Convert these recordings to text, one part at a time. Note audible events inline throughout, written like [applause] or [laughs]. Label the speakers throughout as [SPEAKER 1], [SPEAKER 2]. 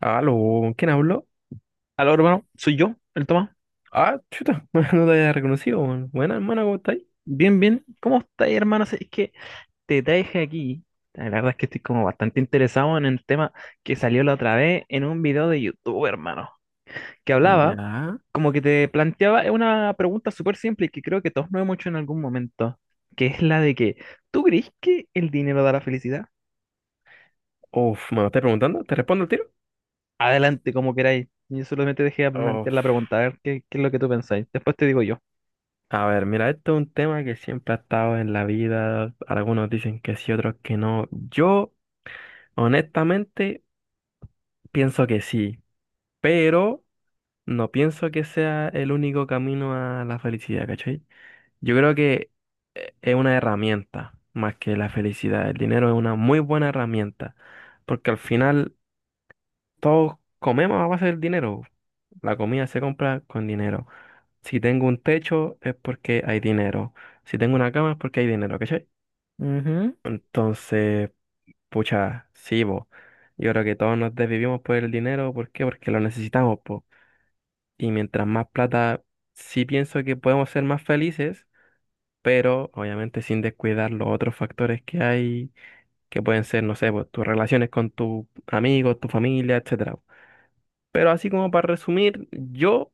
[SPEAKER 1] Aló, ¿quién habló?
[SPEAKER 2] Aló, hermano, soy yo, el Tomás.
[SPEAKER 1] Ah, chuta, [laughs] no te había reconocido, man. Buena, hermana, ¿cómo estáis?
[SPEAKER 2] Bien, bien. ¿Cómo estás, hermano? Sí, es que te traje aquí. La verdad es que estoy como bastante interesado en el tema que salió la otra vez en un video de YouTube, hermano. Que hablaba,
[SPEAKER 1] Ya.
[SPEAKER 2] como que te planteaba una pregunta súper simple y que creo que todos nos hemos hecho en algún momento. Que es la de que, ¿tú crees que el dinero da la felicidad?
[SPEAKER 1] Uf, ¿me lo estás preguntando? ¿Te respondo el tiro?
[SPEAKER 2] Adelante, como queráis. Yo solamente dejé de plantear la
[SPEAKER 1] Uf.
[SPEAKER 2] pregunta, a ver qué es lo que tú pensáis. Después te digo yo.
[SPEAKER 1] A ver, mira, esto es un tema que siempre ha estado en la vida. Algunos dicen que sí, otros que no. Yo, honestamente, pienso que sí, pero no pienso que sea el único camino a la felicidad, ¿cachai? Yo creo que es una herramienta más que la felicidad. El dinero es una muy buena herramienta, porque al final todos comemos a base del dinero. La comida se compra con dinero. Si tengo un techo es porque hay dinero. Si tengo una cama es porque hay dinero, ¿cachai?
[SPEAKER 2] Ujú.
[SPEAKER 1] Entonces, pucha, sí, bo. Yo creo que todos nos desvivimos por el dinero. ¿Por qué? Porque lo necesitamos, po. Y mientras más plata, sí pienso que podemos ser más felices, pero obviamente sin descuidar los otros factores que hay, que pueden ser, no sé, po, tus relaciones con tus amigos, tu familia, etcétera. Pero así como para resumir, yo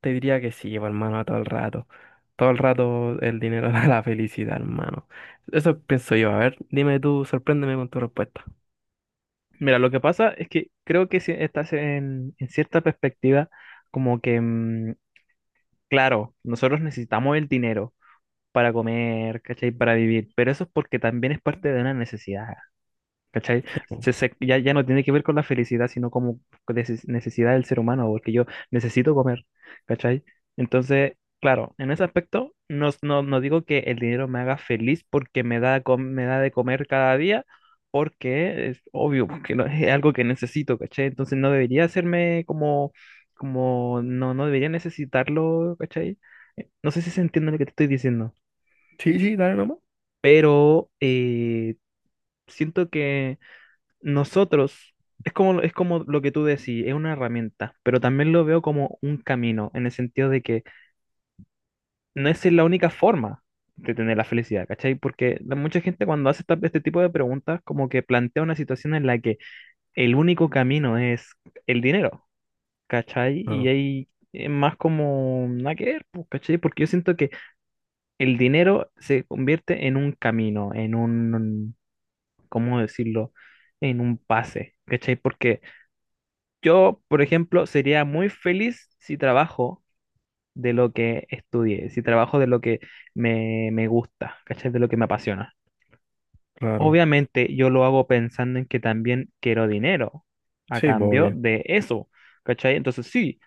[SPEAKER 1] te diría que sí, hermano, todo el rato. Todo el rato el dinero [laughs] da la felicidad, hermano. Eso pienso yo. A ver, dime tú, sorpréndeme con tu respuesta.
[SPEAKER 2] Mira, lo que pasa es que creo que si estás en cierta perspectiva, como que, claro, nosotros necesitamos el dinero para comer, ¿cachai? Para vivir, pero eso es porque también es parte de una necesidad, ¿cachai?
[SPEAKER 1] Sí, po.
[SPEAKER 2] Ya no tiene que ver con la felicidad, sino como necesidad del ser humano, porque yo necesito comer, ¿cachai? Entonces, claro, en ese aspecto, no digo que el dinero me haga feliz porque me da, me da de comer cada día, porque es obvio, porque [laughs] es algo que necesito, ¿cachai? Entonces no debería hacerme como no debería necesitarlo, ¿cachai? No sé si se entiende lo que te estoy diciendo,
[SPEAKER 1] Sí, sí, dale nomás.
[SPEAKER 2] pero siento que nosotros, es como lo que tú decís, es una herramienta, pero también lo veo como un camino, en el sentido de que no es la única forma de tener la felicidad, ¿cachai? Porque mucha gente cuando hace este tipo de preguntas, como que plantea una situación en la que el único camino es el dinero, ¿cachai? Y
[SPEAKER 1] Claro,
[SPEAKER 2] ahí es más como nada que ver, pues, ¿cachai? Porque yo siento que el dinero se convierte en un camino, en un, ¿cómo decirlo? En un pase, ¿cachai? Porque yo, por ejemplo, sería muy feliz si trabajo de lo que estudié, si trabajo de lo que me gusta, ¿cachai? De lo que me apasiona.
[SPEAKER 1] claro.
[SPEAKER 2] Obviamente yo lo hago pensando en que también quiero dinero a
[SPEAKER 1] Sí,
[SPEAKER 2] cambio
[SPEAKER 1] voy.
[SPEAKER 2] de eso, ¿cachai? Entonces sí,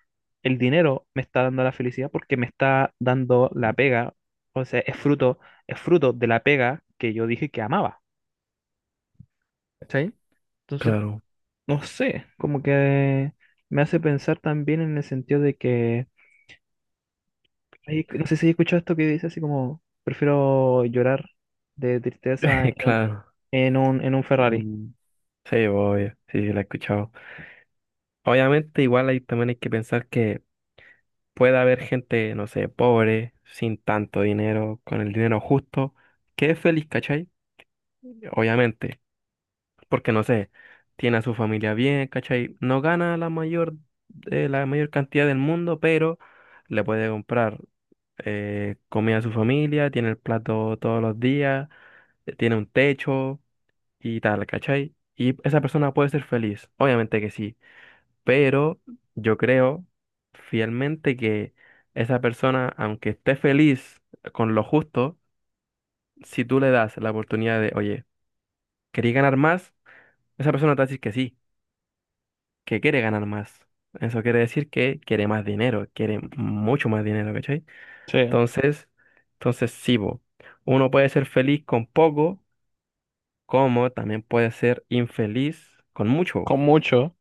[SPEAKER 2] el dinero me está dando la felicidad porque me está dando la pega, o sea, es fruto de la pega que yo dije que amaba, ¿cachai? Entonces,
[SPEAKER 1] Claro,
[SPEAKER 2] no sé, como que me hace pensar también en el sentido de que ay, no sé si he escuchado esto que dice así como, prefiero llorar de tristeza
[SPEAKER 1] [laughs]
[SPEAKER 2] en,
[SPEAKER 1] claro.
[SPEAKER 2] en un, en un Ferrari.
[SPEAKER 1] Mm, sí, obvio, sí, sí, la he escuchado. Obviamente, igual ahí también hay que pensar que puede haber gente, no sé, pobre, sin tanto dinero, con el dinero justo, que es feliz, ¿cachai? Obviamente. Porque no sé, tiene a su familia bien, ¿cachai? No gana la mayor cantidad del mundo, pero le puede comprar comida a su familia, tiene el plato todos los días, tiene un techo y tal, ¿cachai? Y esa persona puede ser feliz, obviamente que sí, pero yo creo fielmente que esa persona, aunque esté feliz con lo justo, si tú le das la oportunidad de, oye, ¿querí ganar más? Esa persona te va a decir que sí, que quiere ganar más. Eso quiere decir que quiere más dinero, quiere mucho más dinero, ¿cachai?
[SPEAKER 2] Sí,
[SPEAKER 1] Entonces, entonces sí, bo, uno puede ser feliz con poco, como también puede ser infeliz con mucho,
[SPEAKER 2] con mucho.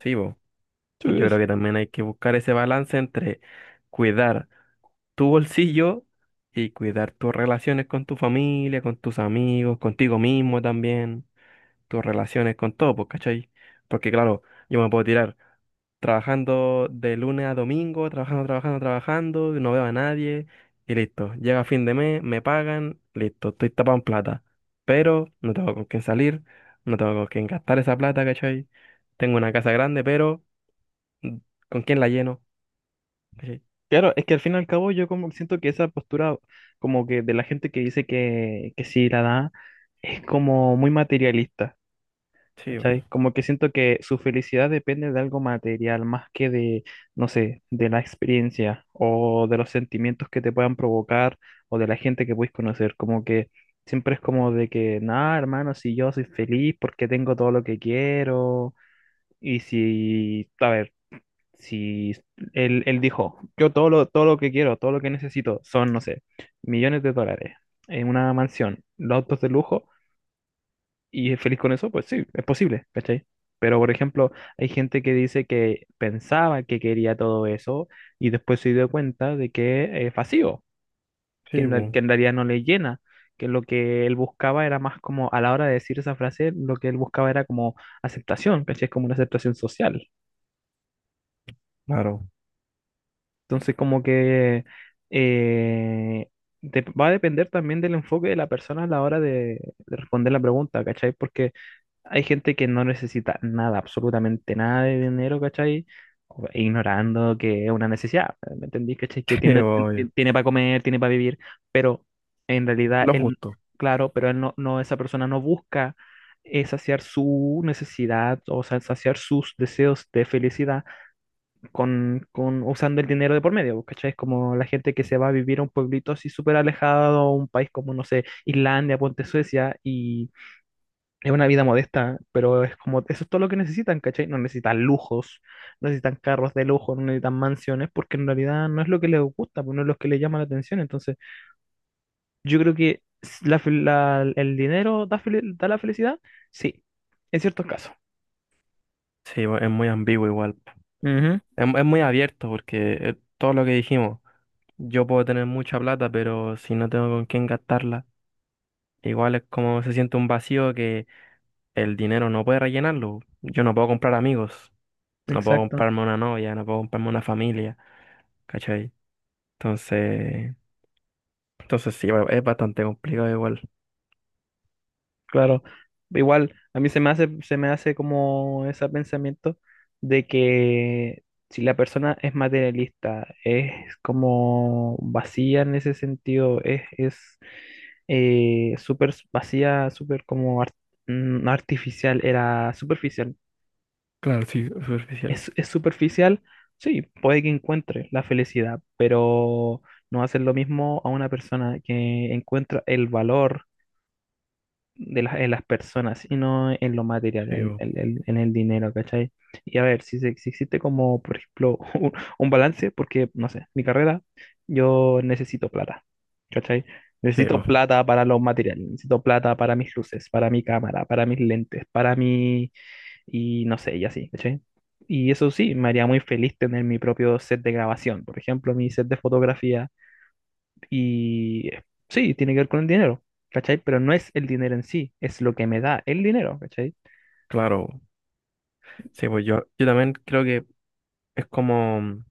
[SPEAKER 1] sí, bo.
[SPEAKER 2] Sí,
[SPEAKER 1] Yo creo
[SPEAKER 2] es-
[SPEAKER 1] que también hay que buscar ese balance entre cuidar tu bolsillo y cuidar tus relaciones con tu familia, con tus amigos, contigo mismo también, tus relaciones con todo, pues, ¿cachai? Porque claro, yo me puedo tirar trabajando de lunes a domingo, trabajando, trabajando, trabajando, y no veo a nadie y listo. Llega fin de mes, me pagan, listo, estoy tapado en plata. Pero no tengo con quién salir, no tengo con quién gastar esa plata, ¿cachai? Tengo una casa grande, pero mm, ¿con quién la lleno? ¿Cachai?
[SPEAKER 2] claro, es que al fin y al cabo yo como que siento que esa postura como que de la gente que dice que sí la da es como muy materialista.
[SPEAKER 1] Sí, bo.
[SPEAKER 2] ¿Cachai? Como que siento que su felicidad depende de algo material más que de, no sé, de la experiencia o de los sentimientos que te puedan provocar o de la gente que puedes conocer. Como que siempre es como de que, nada, hermano, si yo soy feliz porque tengo todo lo que quiero y si, a ver, si él dijo, yo todo lo que quiero, todo lo que necesito son, no sé, millones de dólares en una mansión, los autos de lujo y es feliz con eso, pues sí, es posible, ¿cachai? Pero, por ejemplo, hay gente que dice que pensaba que quería todo eso y después se dio cuenta de que es vacío, que
[SPEAKER 1] Sí, pues,
[SPEAKER 2] que en realidad no le llena, que lo que él buscaba era más como, a la hora de decir esa frase, lo que él buscaba era como aceptación, ¿cachai? Es como una aceptación social.
[SPEAKER 1] claro.
[SPEAKER 2] Entonces, como que eh, va a depender también del enfoque de la persona a la hora de responder la pregunta, ¿cachai? Porque hay gente que no necesita nada, absolutamente nada de dinero, ¿cachai? O- ignorando que es una necesidad, ¿me entendí? ¿Cachai? Que
[SPEAKER 1] [laughs] Sí,
[SPEAKER 2] tiene,
[SPEAKER 1] bo, obvio.
[SPEAKER 2] tiene para comer, tiene para vivir, pero en realidad
[SPEAKER 1] Lo
[SPEAKER 2] él,
[SPEAKER 1] justo.
[SPEAKER 2] claro, pero él esa persona no busca saciar su necesidad, o sea, saciar sus deseos de felicidad con usando el dinero de por medio, pues, ¿cachai? Es como la gente que se va a vivir a un pueblito así súper alejado, a un país como, no sé, Islandia, ponte Suecia, y es una vida modesta, pero es como, eso es todo lo que necesitan, ¿cachai? No necesitan lujos, no necesitan carros de lujo, no necesitan mansiones, porque en realidad no es lo que les gusta, pues no es lo que les llama la atención. Entonces, yo creo que el dinero da la felicidad, sí, en ciertos casos.
[SPEAKER 1] Sí, bo, es muy ambiguo igual.
[SPEAKER 2] Ujú,
[SPEAKER 1] Es muy abierto porque todo lo que dijimos, yo puedo tener mucha plata, pero si no tengo con quién gastarla. Igual es como se siente un vacío que el dinero no puede rellenarlo. Yo no puedo comprar amigos, no puedo
[SPEAKER 2] exacto.
[SPEAKER 1] comprarme una novia, no puedo comprarme una familia, ¿cachai? Entonces, entonces sí, es bastante complicado igual.
[SPEAKER 2] Claro, igual a mí se me hace como ese pensamiento de que si la persona es materialista, es como vacía en ese sentido, es súper vacía, súper como artificial, era superficial.
[SPEAKER 1] Claro, sí. Superficial.
[SPEAKER 2] Es superficial, sí, puede que encuentre la felicidad, pero no va a ser lo mismo a una persona que encuentra el valor de las en las personas y no en lo material,
[SPEAKER 1] Sí, bo.
[SPEAKER 2] en el dinero, ¿cachai? Y a ver, si, se- si existe como, por ejemplo, [laughs] un balance, porque, no sé, mi carrera, yo necesito plata, ¿cachai?
[SPEAKER 1] Sí,
[SPEAKER 2] Necesito
[SPEAKER 1] bo.
[SPEAKER 2] plata para los materiales, necesito plata para mis luces, para mi cámara, para mis lentes, para mi... y no sé, y así, ¿cachai? Y eso sí, me haría muy feliz tener mi propio set de grabación, por ejemplo, mi set de fotografía y sí, tiene que ver con el dinero, ¿cachai? Pero no es el dinero en sí, es lo que me da el dinero, ¿cachai?
[SPEAKER 1] Claro. Sí, pues yo también creo que es como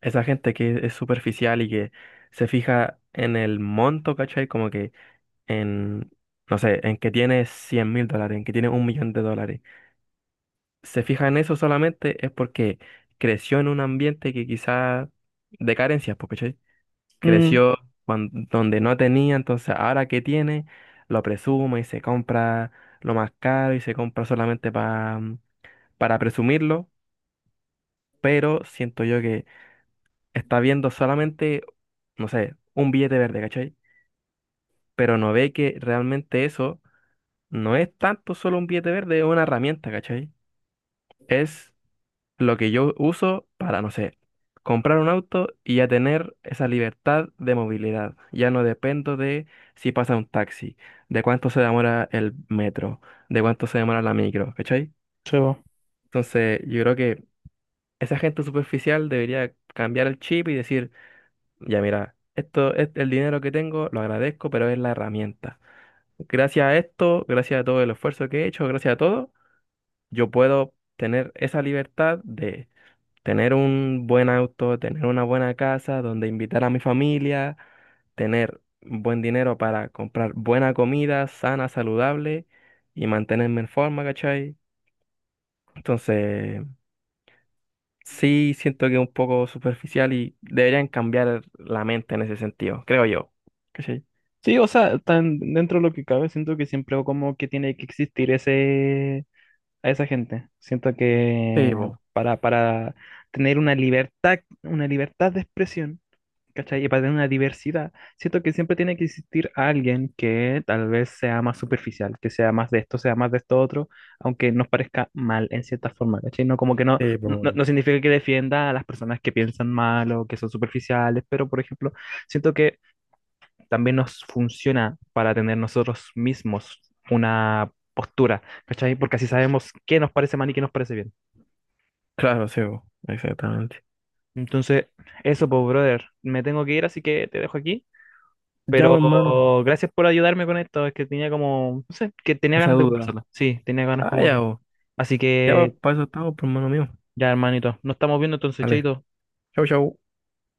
[SPEAKER 1] esa gente que es superficial y que se fija en el monto, ¿cachai? Como que en, no sé, en que tiene $100.000, en que tiene $1.000.000. Se fija en eso solamente es porque creció en un ambiente que quizás de carencias, pues, ¿cachai?
[SPEAKER 2] Mm,
[SPEAKER 1] Creció donde no tenía, entonces ahora que tiene, lo presume y se compra lo más caro y se compra solamente para presumirlo, pero siento yo que está viendo solamente, no sé, un billete verde, ¿cachai? Pero no ve que realmente eso no es tanto solo un billete verde, es una herramienta, ¿cachai? Es lo que yo uso para, no sé, comprar un auto y ya tener esa libertad de movilidad. Ya no dependo de si pasa un taxi, de cuánto se demora el metro, de cuánto se demora la micro, ¿cachai?
[SPEAKER 2] chavo.
[SPEAKER 1] Entonces, yo creo que esa gente superficial debería cambiar el chip y decir, ya mira, esto es el dinero que tengo, lo agradezco, pero es la herramienta. Gracias a esto, gracias a todo el esfuerzo que he hecho, gracias a todo, yo puedo tener esa libertad de tener un buen auto, tener una buena casa donde invitar a mi familia, tener buen dinero para comprar buena comida, sana, saludable y mantenerme en forma, ¿cachai? Entonces, sí siento que es un poco superficial y deberían cambiar la mente en ese sentido, creo yo. ¿Cachai?
[SPEAKER 2] Sí, o sea, tan dentro de lo que cabe, siento que siempre como que tiene que existir ese a esa gente. Siento que
[SPEAKER 1] Sí, po.
[SPEAKER 2] para tener una libertad de expresión. ¿Cachai? Y para tener una diversidad, siento que siempre tiene que existir alguien que tal vez sea más superficial, que sea más de esto, sea más de esto otro, aunque nos parezca mal en cierta forma, ¿cachai? No como que
[SPEAKER 1] Sí, po.
[SPEAKER 2] no significa que defienda a las personas que piensan mal o que son superficiales, pero por ejemplo, siento que también nos funciona para tener nosotros mismos una postura, ¿cachai? Porque así sabemos qué nos parece mal y qué nos parece bien.
[SPEAKER 1] Claro, sí, po. Exactamente.
[SPEAKER 2] Entonces, eso, pues, brother, me tengo que ir, así que te dejo aquí.
[SPEAKER 1] Ya, po, hermano,
[SPEAKER 2] Pero gracias por ayudarme con esto. Es que tenía como, no sé, que tenía
[SPEAKER 1] esa
[SPEAKER 2] ganas de
[SPEAKER 1] duda.
[SPEAKER 2] conversarlo. Sí, tenía ganas
[SPEAKER 1] Ah,
[SPEAKER 2] como
[SPEAKER 1] ya,
[SPEAKER 2] de.
[SPEAKER 1] po.
[SPEAKER 2] Así
[SPEAKER 1] Ya, pues,
[SPEAKER 2] que
[SPEAKER 1] para eso estamos, por hermano mío.
[SPEAKER 2] ya, hermanito, nos estamos viendo entonces,
[SPEAKER 1] Vale.
[SPEAKER 2] chaito.
[SPEAKER 1] Chau, chau.